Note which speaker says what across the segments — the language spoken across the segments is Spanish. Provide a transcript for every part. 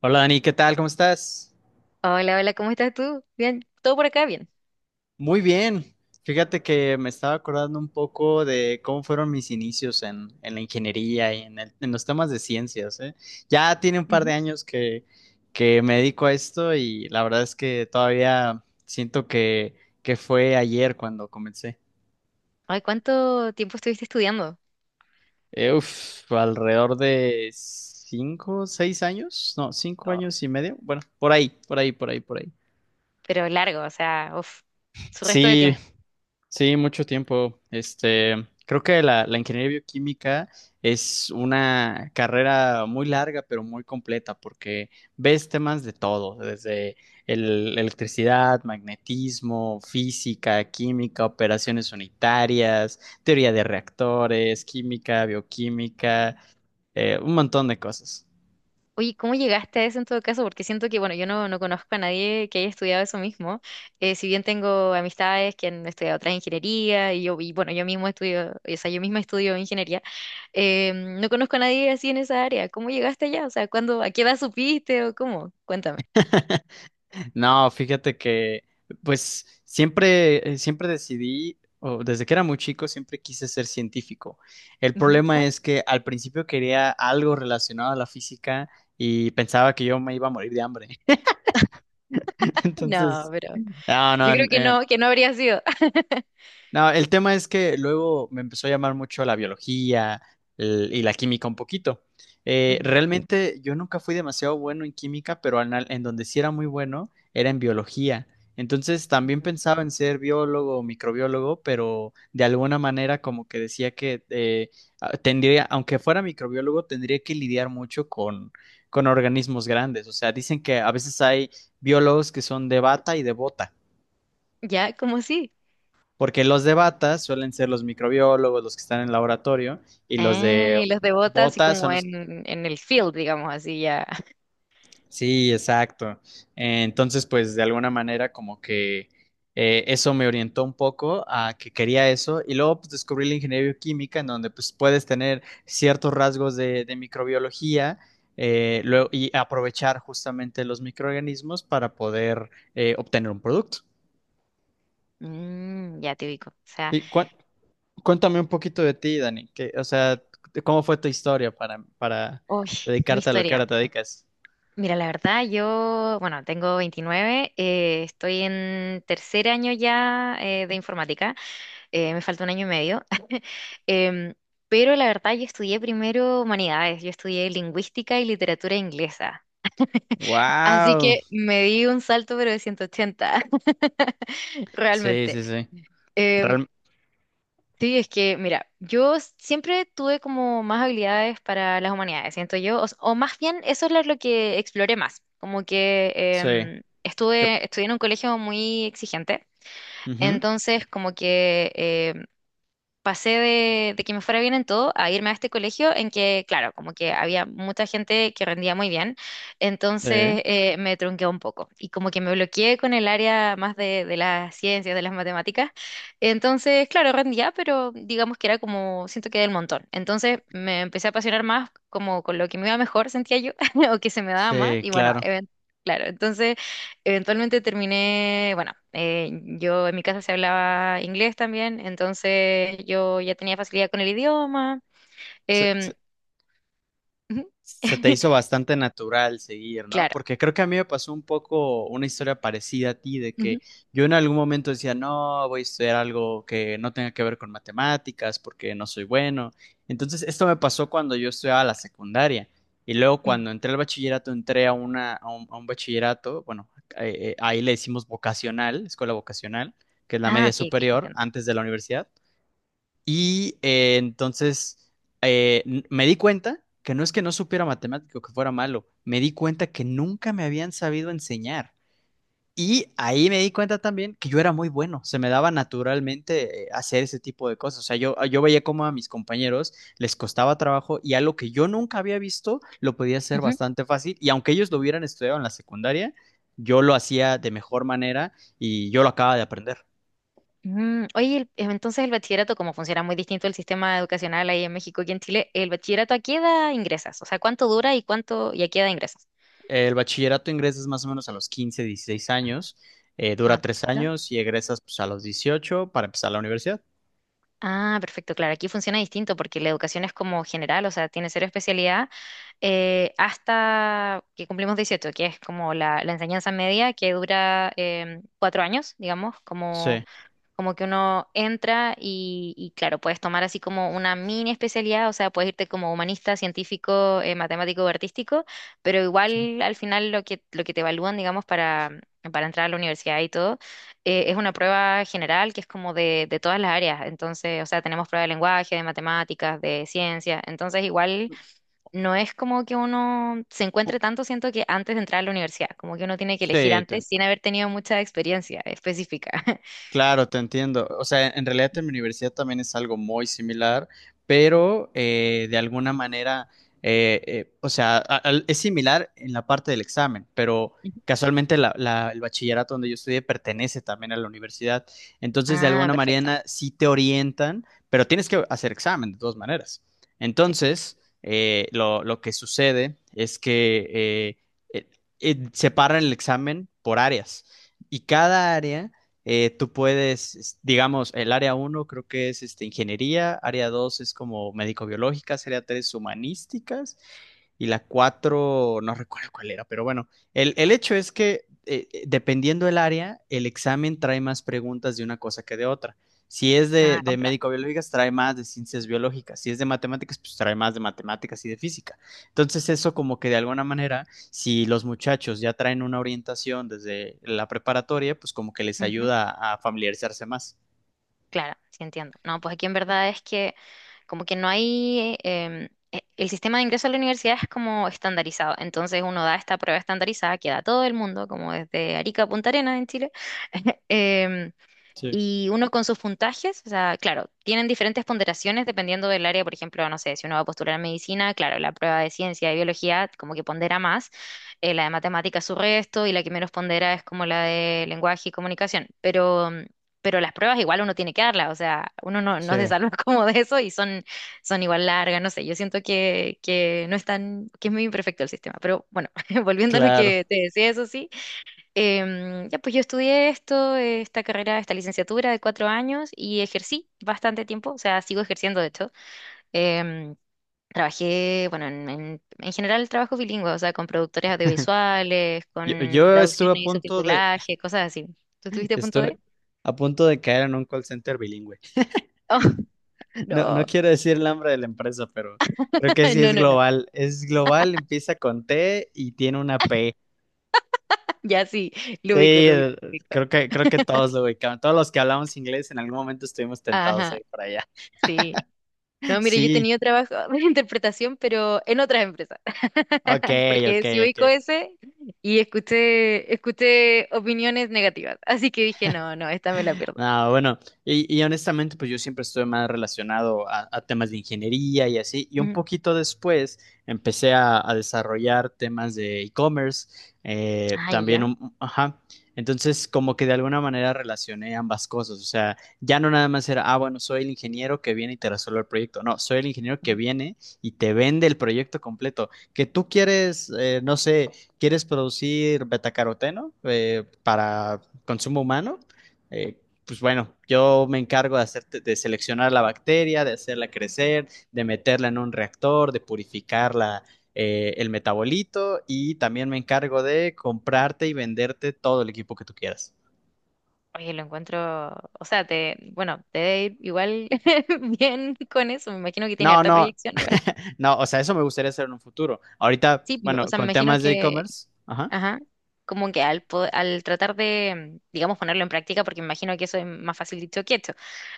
Speaker 1: Hola Dani, ¿qué tal? ¿Cómo estás?
Speaker 2: Hola, hola, ¿cómo estás tú? Bien, todo por acá bien.
Speaker 1: Muy bien. Fíjate que me estaba acordando un poco de cómo fueron mis inicios en la ingeniería y en, en los temas de ciencias, ¿eh? Ya tiene un par
Speaker 2: Ujú.
Speaker 1: de años que me dedico a esto, y la verdad es que todavía siento que fue ayer cuando comencé.
Speaker 2: Ay, ¿cuánto tiempo estuviste estudiando?
Speaker 1: Alrededor de 5, 6 años, no, cinco
Speaker 2: Oh,
Speaker 1: años y medio. Bueno, por ahí, por ahí, por ahí, por ahí.
Speaker 2: pero largo, o sea, uf, su resto de
Speaker 1: Sí,
Speaker 2: tiempo.
Speaker 1: sí, mucho tiempo. Este, creo que la ingeniería bioquímica es una carrera muy larga, pero muy completa, porque ves temas de todo, desde electricidad, magnetismo, física, química, operaciones unitarias, teoría de reactores, química, bioquímica, un montón de cosas.
Speaker 2: Oye, ¿cómo llegaste a eso en todo caso? Porque siento que, bueno, yo no, no conozco a nadie que haya estudiado eso mismo. Si bien tengo amistades que han estudiado otras ingeniería y yo, y bueno, yo mismo estudio, o sea, yo misma estudio ingeniería, no conozco a nadie así en esa área. ¿Cómo llegaste allá? O sea, ¿cuándo, a qué edad supiste o cómo? Cuéntame.
Speaker 1: No, fíjate que, pues, siempre, siempre decidí, o desde que era muy chico, siempre quise ser científico. El
Speaker 2: Ujú.
Speaker 1: problema es que al principio quería algo relacionado a la física, y pensaba que yo me iba a morir de hambre.
Speaker 2: Ah, no,
Speaker 1: Entonces,
Speaker 2: pero
Speaker 1: no,
Speaker 2: yo
Speaker 1: no,
Speaker 2: creo
Speaker 1: en,
Speaker 2: que no habría sido.
Speaker 1: no, el tema es que luego me empezó a llamar mucho la biología y la química un poquito.
Speaker 2: Ujú.
Speaker 1: Realmente yo nunca fui demasiado bueno en química, pero donde sí era muy bueno era en biología. Entonces también
Speaker 2: Ujú.
Speaker 1: pensaba en ser biólogo o microbiólogo, pero de alguna manera como que decía que tendría, aunque fuera microbiólogo, tendría que lidiar mucho con organismos grandes. O sea, dicen que a veces hay biólogos que son de bata y de bota.
Speaker 2: Ya, como sí.
Speaker 1: Porque los de bata suelen ser los microbiólogos, los que están en el laboratorio, y los
Speaker 2: Ah,
Speaker 1: de
Speaker 2: y los de bota así
Speaker 1: botas
Speaker 2: como
Speaker 1: son los...
Speaker 2: en el field, digamos, así ya.
Speaker 1: Sí, exacto. Entonces, pues de alguna manera como que eso me orientó un poco a que quería eso, y luego pues descubrí la ingeniería bioquímica, en donde pues puedes tener ciertos rasgos de microbiología. Y aprovechar justamente los microorganismos para poder obtener un producto.
Speaker 2: Mm, ya te ubico. O sea,
Speaker 1: ¿Y cuál Cuéntame un poquito de ti, Dani, que, o sea, de ¿cómo fue tu historia para
Speaker 2: uy, mi
Speaker 1: dedicarte a lo que ahora
Speaker 2: historia.
Speaker 1: te dedicas?
Speaker 2: Mira, la verdad, yo, bueno, tengo 29, estoy en tercer año ya de informática, me falta un año y medio. Em, pero la verdad yo estudié primero humanidades, yo estudié lingüística y literatura inglesa, así
Speaker 1: Wow.
Speaker 2: que me di un salto pero de 180.
Speaker 1: Sí,
Speaker 2: Realmente.
Speaker 1: sí, sí.
Speaker 2: Em,
Speaker 1: Real-
Speaker 2: Sí, es que, mira, yo siempre tuve como más habilidades para las humanidades, siento yo, o, o más bien eso es lo que exploré más, como que
Speaker 1: sí. Que,
Speaker 2: estuve, estudié en un colegio muy exigente,
Speaker 1: ujú.
Speaker 2: entonces como que pasé de, que me fuera bien en todo a irme a este colegio en que, claro, como que había mucha gente que rendía muy bien,
Speaker 1: Sí.
Speaker 2: entonces me trunqué un poco y como que me bloqueé con el área más de las ciencias, de las matemáticas, entonces, claro, rendía, pero digamos que era como, siento que del montón, entonces me empecé a apasionar más como con lo que me iba mejor, sentía yo, o que se me daba más,
Speaker 1: Sí,
Speaker 2: y bueno,
Speaker 1: claro.
Speaker 2: claro, entonces. Eventualmente terminé, bueno, yo en mi casa se hablaba inglés también, entonces yo ya tenía facilidad con el idioma. em, ujú.
Speaker 1: Se te hizo bastante natural seguir, ¿no?
Speaker 2: Claro.
Speaker 1: Porque creo que a mí me pasó un poco una historia parecida a ti, de
Speaker 2: Ujú,
Speaker 1: que yo en algún momento decía, no, voy a estudiar algo que no tenga que ver con matemáticas porque no soy bueno. Entonces, esto me pasó cuando yo estudiaba la secundaria. Y luego
Speaker 2: mm.
Speaker 1: cuando entré al bachillerato, entré a un bachillerato, bueno, ahí le decimos vocacional, escuela vocacional, que es la
Speaker 2: Ah,
Speaker 1: media
Speaker 2: ok, ok,
Speaker 1: superior,
Speaker 2: entiendo.
Speaker 1: antes de la universidad. Y eh, entonces Me di cuenta que no es que no supiera matemático, que fuera malo, me di cuenta que nunca me habían sabido enseñar. Y ahí me di cuenta también que yo era muy bueno, se me daba naturalmente hacer ese tipo de cosas. O sea, yo veía cómo a mis compañeros les costaba trabajo, y algo que yo nunca había visto lo podía hacer
Speaker 2: Ujú,
Speaker 1: bastante fácil. Y aunque ellos lo hubieran estudiado en la secundaria, yo lo hacía de mejor manera, y yo lo acababa de aprender.
Speaker 2: mm, oye, entonces el bachillerato, cómo funciona muy distinto el sistema educacional ahí en México y en Chile. ¿El bachillerato a qué edad ingresas? O sea, ¿cuánto dura y cuánto y a qué edad ingresas?
Speaker 1: El bachillerato ingresas más o menos a los 15, 16 años,
Speaker 2: Ah,
Speaker 1: dura tres
Speaker 2: perfecto.
Speaker 1: años y egresas pues, a los 18, para empezar la universidad.
Speaker 2: Ah, perfecto, claro, aquí funciona distinto porque la educación es como general, o sea, tiene cero especialidad hasta que cumplimos 18, que es como la, enseñanza media, que dura 4 años, digamos, como,
Speaker 1: Sí.
Speaker 2: como que uno entra y claro, puedes tomar así como una mini especialidad, o sea, puedes irte como humanista, científico, matemático o artístico, pero igual al final lo que, te evalúan, digamos, para entrar a la universidad y todo, es una prueba general que es como de todas las áreas, entonces, o sea, tenemos prueba de lenguaje, de matemáticas, de ciencia, entonces igual no es como que uno se encuentre tanto, siento que antes de entrar a la universidad, como que uno tiene que elegir
Speaker 1: Sí, te-
Speaker 2: antes sin haber tenido mucha experiencia específica.
Speaker 1: Claro, te entiendo. O sea, en realidad en mi universidad también es algo muy similar, pero de alguna manera, o sea, a- al- es similar en la parte del examen, pero
Speaker 2: Ujú.
Speaker 1: casualmente el bachillerato donde yo estudié pertenece también a la universidad. Entonces, de
Speaker 2: Ah,
Speaker 1: alguna
Speaker 2: perfecto.
Speaker 1: manera sí te orientan, pero tienes que hacer examen de todas maneras.
Speaker 2: Sí.
Speaker 1: Entonces, lo que sucede es que eh, eh, separan el examen por áreas, y cada área tú puedes, digamos, el área uno creo que es este, ingeniería, área 2 es como médico-biológicas, área 3 humanísticas, y la 4 no recuerdo cuál era, pero bueno, el hecho es que dependiendo del área, el examen trae más preguntas de una cosa que de otra. Si es
Speaker 2: Ah,
Speaker 1: de
Speaker 2: comprendo.
Speaker 1: médico-biológicas, trae más de ciencias biológicas. Si es de matemáticas, pues trae más de matemáticas y de física. Entonces eso, como que de alguna manera, si los muchachos ya traen una orientación desde la preparatoria, pues como que les
Speaker 2: Ujú.
Speaker 1: ayuda a familiarizarse más.
Speaker 2: Claro, sí entiendo. No, pues aquí en verdad es que como que no hay. El sistema de ingreso a la universidad es como estandarizado. Entonces uno da esta prueba estandarizada que da todo el mundo, como desde Arica a Punta Arenas en Chile. Em,
Speaker 1: Sí,
Speaker 2: y uno con sus puntajes, o sea, claro, tienen diferentes ponderaciones dependiendo del área, por ejemplo, no sé, si uno va a postular a medicina, claro, la prueba de ciencia y biología como que pondera más, la de matemáticas su resto y la que menos pondera es como la de lenguaje y comunicación, pero, mm, pero las pruebas igual uno tiene que darlas, o sea, uno no, no se
Speaker 1: sí.
Speaker 2: salva como de eso y son, igual largas, no sé, yo siento que no es tan, que es muy imperfecto el sistema, pero bueno, volviendo a lo
Speaker 1: Claro.
Speaker 2: que te decía, eso sí. Ya, pues yo estudié esto, esta carrera, esta licenciatura de 4 años y ejercí bastante tiempo, o sea, sigo ejerciendo de hecho. Em, trabajé, bueno, en general trabajo bilingüe, o sea, con productores audiovisuales,
Speaker 1: Yo,
Speaker 2: con
Speaker 1: yo estuve a
Speaker 2: traducciones y
Speaker 1: punto de,
Speaker 2: subtitulaje, cosas así. ¿Tú tuviste punto
Speaker 1: Estoy
Speaker 2: D?
Speaker 1: a punto de caer en un call center bilingüe.
Speaker 2: Oh,
Speaker 1: No, no
Speaker 2: no.
Speaker 1: quiero decir el nombre de la empresa, pero creo que sí
Speaker 2: No,
Speaker 1: es
Speaker 2: no, no.
Speaker 1: global. Es global, empieza con T y tiene una P.
Speaker 2: Ya sí, lo
Speaker 1: Sí,
Speaker 2: ubico, lo ubico, lo ubico.
Speaker 1: creo que todos lo ubicamos. Todos los que hablamos inglés en algún momento estuvimos tentados a
Speaker 2: Ajá,
Speaker 1: ir para allá.
Speaker 2: sí. No, mire, yo he
Speaker 1: Sí,
Speaker 2: tenido trabajo de interpretación, pero en otras empresas,
Speaker 1: ok,
Speaker 2: porque
Speaker 1: ok,
Speaker 2: sí
Speaker 1: ok.
Speaker 2: ubico ese y escuché opiniones negativas, así que dije, no, no, esta me la pierdo.
Speaker 1: No, bueno, y honestamente, pues yo siempre estuve más relacionado a temas de ingeniería y así, y un
Speaker 2: Mm.
Speaker 1: poquito después empecé a desarrollar temas de e-commerce,
Speaker 2: Ay, ya.
Speaker 1: ajá, entonces como que de alguna manera relacioné ambas cosas, o sea, ya no nada más era, ah, bueno, soy el ingeniero que viene y te resuelve el proyecto, no, soy el ingeniero
Speaker 2: Ya.
Speaker 1: que
Speaker 2: Ujú.
Speaker 1: viene y te vende el proyecto completo, que tú quieres, no sé, quieres producir betacaroteno para consumo humano. Eh, pues bueno, yo me encargo hacer, de seleccionar la bacteria, de hacerla crecer, de meterla en un reactor, de purificarla, el metabolito, y también me encargo de comprarte y venderte todo el equipo que tú quieras.
Speaker 2: Oye, lo encuentro, o sea, te, bueno, te debe ir igual bien con eso, me imagino que tiene
Speaker 1: No,
Speaker 2: harta
Speaker 1: no,
Speaker 2: proyección igual.
Speaker 1: no, o sea, eso me gustaría hacer en un futuro. Ahorita,
Speaker 2: Sí, o
Speaker 1: bueno,
Speaker 2: sea, me
Speaker 1: con
Speaker 2: imagino
Speaker 1: temas de
Speaker 2: que,
Speaker 1: e-commerce, ajá.
Speaker 2: ajá, como que al, al tratar de, digamos, ponerlo en práctica, porque me imagino que eso es más fácil dicho que hecho.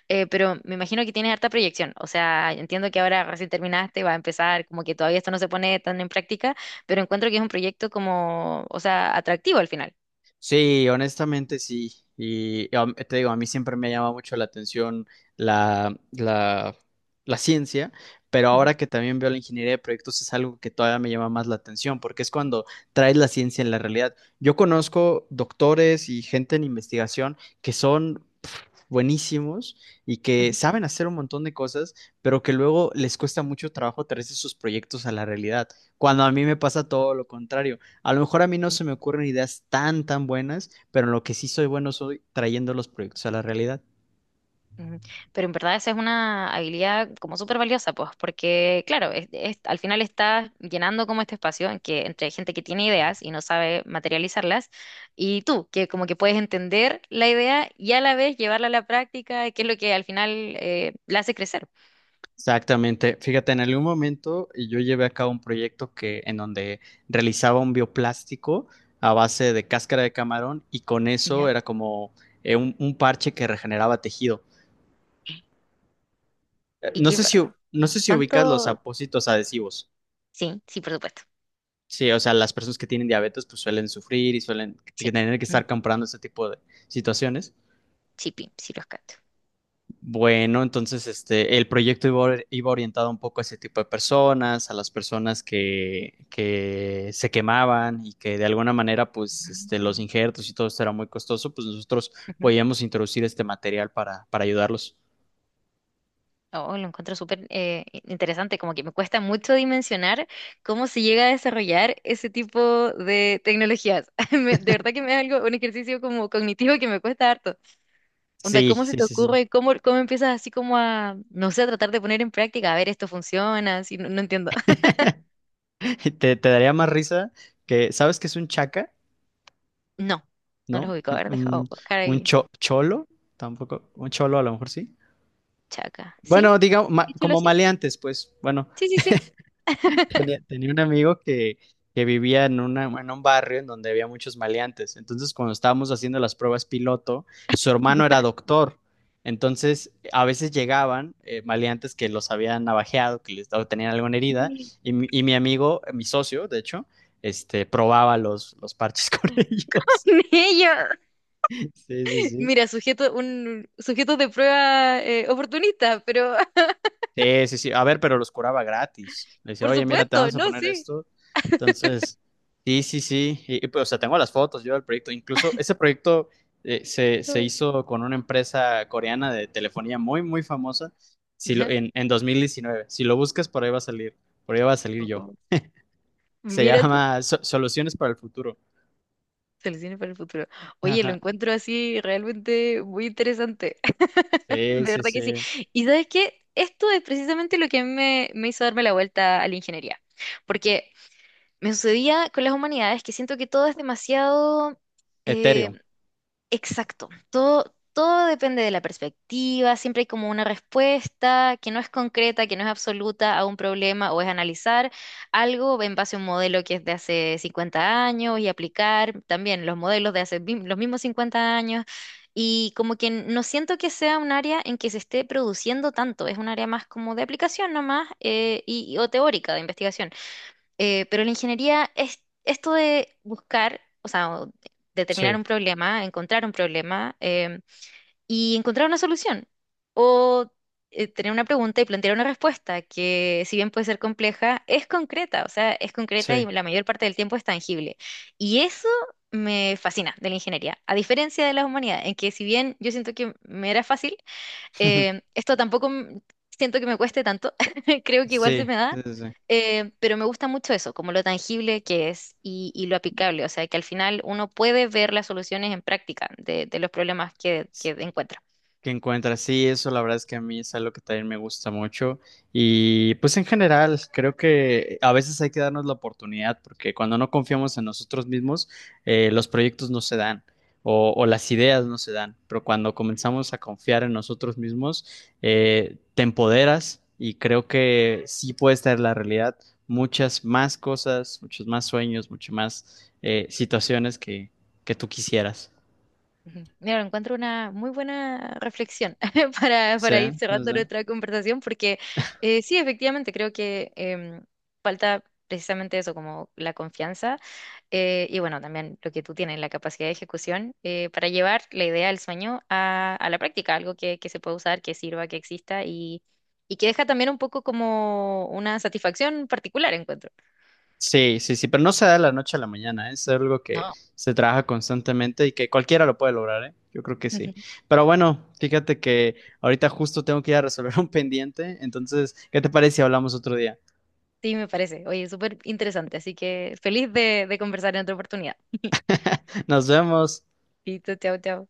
Speaker 2: Pero me imagino que tienes harta proyección. O sea, entiendo que ahora recién terminaste, va a empezar, como que todavía esto no se pone tan en práctica, pero encuentro que es un proyecto como, o sea, atractivo al final.
Speaker 1: Sí, honestamente sí. Y te digo, a mí siempre me llama mucho la atención la, la, la ciencia, pero
Speaker 2: Ujú,
Speaker 1: ahora que también veo la ingeniería de proyectos es algo que todavía me llama más la atención, porque es cuando traes la ciencia en la realidad. Yo conozco doctores y gente en investigación que son pf, buenísimos, y que
Speaker 2: ujú,
Speaker 1: saben hacer un montón de cosas, pero que luego les cuesta mucho trabajo traerse sus proyectos a la realidad, cuando a mí me pasa todo lo contrario. A lo mejor a mí no se me
Speaker 2: ujú,
Speaker 1: ocurren ideas tan, tan buenas, pero en lo que sí soy bueno soy trayendo los proyectos a la realidad.
Speaker 2: ujú. Pero en verdad esa es una habilidad como súper valiosa, pues, porque claro, al final estás llenando como este espacio en que, entre gente que tiene ideas y no sabe materializarlas, y tú, que como que puedes entender la idea y a la vez llevarla a la práctica, que es lo que al final la hace crecer.
Speaker 1: Exactamente. Fíjate, en algún momento yo llevé a cabo un proyecto en donde realizaba un bioplástico a base de cáscara de camarón, y con
Speaker 2: ¿Ya?
Speaker 1: eso era como un parche que regeneraba tejido.
Speaker 2: ¿Y
Speaker 1: No
Speaker 2: qué,
Speaker 1: sé si, no sé si ubicas los
Speaker 2: ¿cuánto?
Speaker 1: apósitos adhesivos.
Speaker 2: Sí, sí, por supuesto.
Speaker 1: Sí, o sea, las personas que tienen diabetes pues suelen sufrir y suelen
Speaker 2: Sí.
Speaker 1: tener que estar
Speaker 2: Ujú.
Speaker 1: comprando ese tipo de situaciones.
Speaker 2: Sí, sí los cacho.
Speaker 1: Bueno, entonces este, el proyecto iba, iba orientado un poco a ese tipo de personas, a las personas que se quemaban, y que de alguna manera, pues, este, los
Speaker 2: Mm.
Speaker 1: injertos y todo esto era muy costoso, pues nosotros
Speaker 2: Ujú.
Speaker 1: podíamos introducir este material para ayudarlos.
Speaker 2: Oh, lo encuentro súper interesante, como que me cuesta mucho dimensionar cómo se llega a desarrollar ese tipo de tecnologías. De verdad que me es algo, un ejercicio como cognitivo que me cuesta harto. Onda,
Speaker 1: Sí,
Speaker 2: ¿cómo se
Speaker 1: sí,
Speaker 2: te
Speaker 1: sí, sí.
Speaker 2: ocurre? cómo empiezas así como a, no sé, a tratar de poner en práctica? A ver, esto funciona, así, no, no entiendo.
Speaker 1: Te daría más risa que, ¿sabes qué es un chaca?
Speaker 2: No, no los
Speaker 1: ¿No?
Speaker 2: ubico. A ver, deja
Speaker 1: Un,
Speaker 2: buscar
Speaker 1: un
Speaker 2: ahí.
Speaker 1: cholo, tampoco, un cholo a lo mejor sí.
Speaker 2: Chaca. ¿Sí?
Speaker 1: Bueno, digamos,
Speaker 2: ¿Díselo
Speaker 1: como
Speaker 2: así?
Speaker 1: maleantes, pues, bueno.
Speaker 2: Sí, sí, sí.
Speaker 1: Tenía un amigo que vivía en, una, en un barrio en donde había muchos maleantes. Entonces, cuando estábamos haciendo las pruebas piloto, su hermano era doctor. Entonces, a veces llegaban maleantes que los habían navajeado, o tenían alguna herida,
Speaker 2: Ya.
Speaker 1: y mi amigo, mi socio, de hecho, este, probaba los parches con ellos.
Speaker 2: Ella,
Speaker 1: Sí, sí, sí.
Speaker 2: mira, sujeto, un sujeto de prueba oportunista, pero
Speaker 1: Sí, sí, sí. A ver, pero los curaba gratis. Le decía,
Speaker 2: por
Speaker 1: oye, mira, te
Speaker 2: supuesto,
Speaker 1: vamos a
Speaker 2: no,
Speaker 1: poner
Speaker 2: sí.
Speaker 1: esto. Entonces, sí, sí, sí. Y, pues, o sea, tengo las fotos yo del proyecto. Incluso ese proyecto se
Speaker 2: No,
Speaker 1: hizo con una empresa coreana de telefonía muy, muy famosa. Si lo,
Speaker 2: ya.
Speaker 1: En 2019, si lo buscas, por ahí va a salir. Por ahí va a salir yo.
Speaker 2: Oh,
Speaker 1: Se
Speaker 2: mira tú,
Speaker 1: llama Soluciones para el Futuro.
Speaker 2: soluciones para el futuro. Oye, lo
Speaker 1: Ajá.
Speaker 2: encuentro así realmente muy interesante.
Speaker 1: Sí,
Speaker 2: De
Speaker 1: sí,
Speaker 2: verdad que sí.
Speaker 1: sí.
Speaker 2: Y sabes qué, esto es precisamente lo que a mí me hizo darme la vuelta a la ingeniería. Porque me sucedía con las humanidades que siento que todo es demasiado, eh,
Speaker 1: Ethereum.
Speaker 2: exacto. Todo, todo depende de la perspectiva. Siempre hay como una respuesta que no es concreta, que no es absoluta a un problema o es analizar algo en base a un modelo que es de hace 50 años y aplicar también los modelos de hace los mismos 50 años. Y como que no siento que sea un área en que se esté produciendo tanto. Es un área más como de aplicación nomás y, o teórica de investigación. Pero la ingeniería es esto de buscar, o sea, o determinar
Speaker 1: Sí,
Speaker 2: un problema, encontrar un problema y encontrar una solución. O tener una pregunta y plantear una respuesta que, si bien puede ser compleja, es concreta, o sea, es concreta y
Speaker 1: sí.
Speaker 2: la mayor parte del tiempo es tangible. Y eso me fascina de la ingeniería, a diferencia de la humanidad, en que si bien yo siento que me era fácil, esto tampoco siento que me cueste tanto, creo que igual se
Speaker 1: Sí,
Speaker 2: me da,
Speaker 1: sí, sí.
Speaker 2: pero me gusta mucho eso, como lo tangible que es y, lo aplicable, o sea, que al final uno puede ver las soluciones en práctica de, los problemas que,
Speaker 1: Sí,
Speaker 2: que encuentra.
Speaker 1: que encuentras. Sí, eso la verdad es que a mí es algo que también me gusta mucho. Y pues en general, creo que a veces hay que darnos la oportunidad, porque cuando no confiamos en nosotros mismos, los proyectos no se dan, o las ideas no se dan. Pero cuando comenzamos a confiar en nosotros mismos, te empoderas, y creo que sí puedes traer la realidad muchas más cosas, muchos más sueños, muchas más situaciones que tú quisieras.
Speaker 2: Ujú. Mira, encuentro una muy buena reflexión
Speaker 1: Sí,
Speaker 2: para ir
Speaker 1: sí,
Speaker 2: cerrando
Speaker 1: sí.
Speaker 2: nuestra conversación, porque sí, efectivamente, creo que falta precisamente eso, como la confianza. Y bueno, también lo que tú tienes, la capacidad de ejecución para llevar la idea del sueño a, la práctica, algo que se pueda usar, que sirva, que exista y que deja también un poco como una satisfacción particular, encuentro.
Speaker 1: Sí, sí, sí, pero no se da de la noche a la mañana, ¿eh? Es algo que
Speaker 2: No.
Speaker 1: se trabaja constantemente, y que cualquiera lo puede lograr, ¿eh? Yo creo que
Speaker 2: Ujú.
Speaker 1: sí. Pero bueno, fíjate que ahorita justo tengo que ir a resolver un pendiente, entonces, ¿qué te parece si hablamos otro día?
Speaker 2: Sí, me parece. Oye, súper interesante, así que feliz de, conversar en otra oportunidad.
Speaker 1: Nos vemos.
Speaker 2: Listo, chao, chao.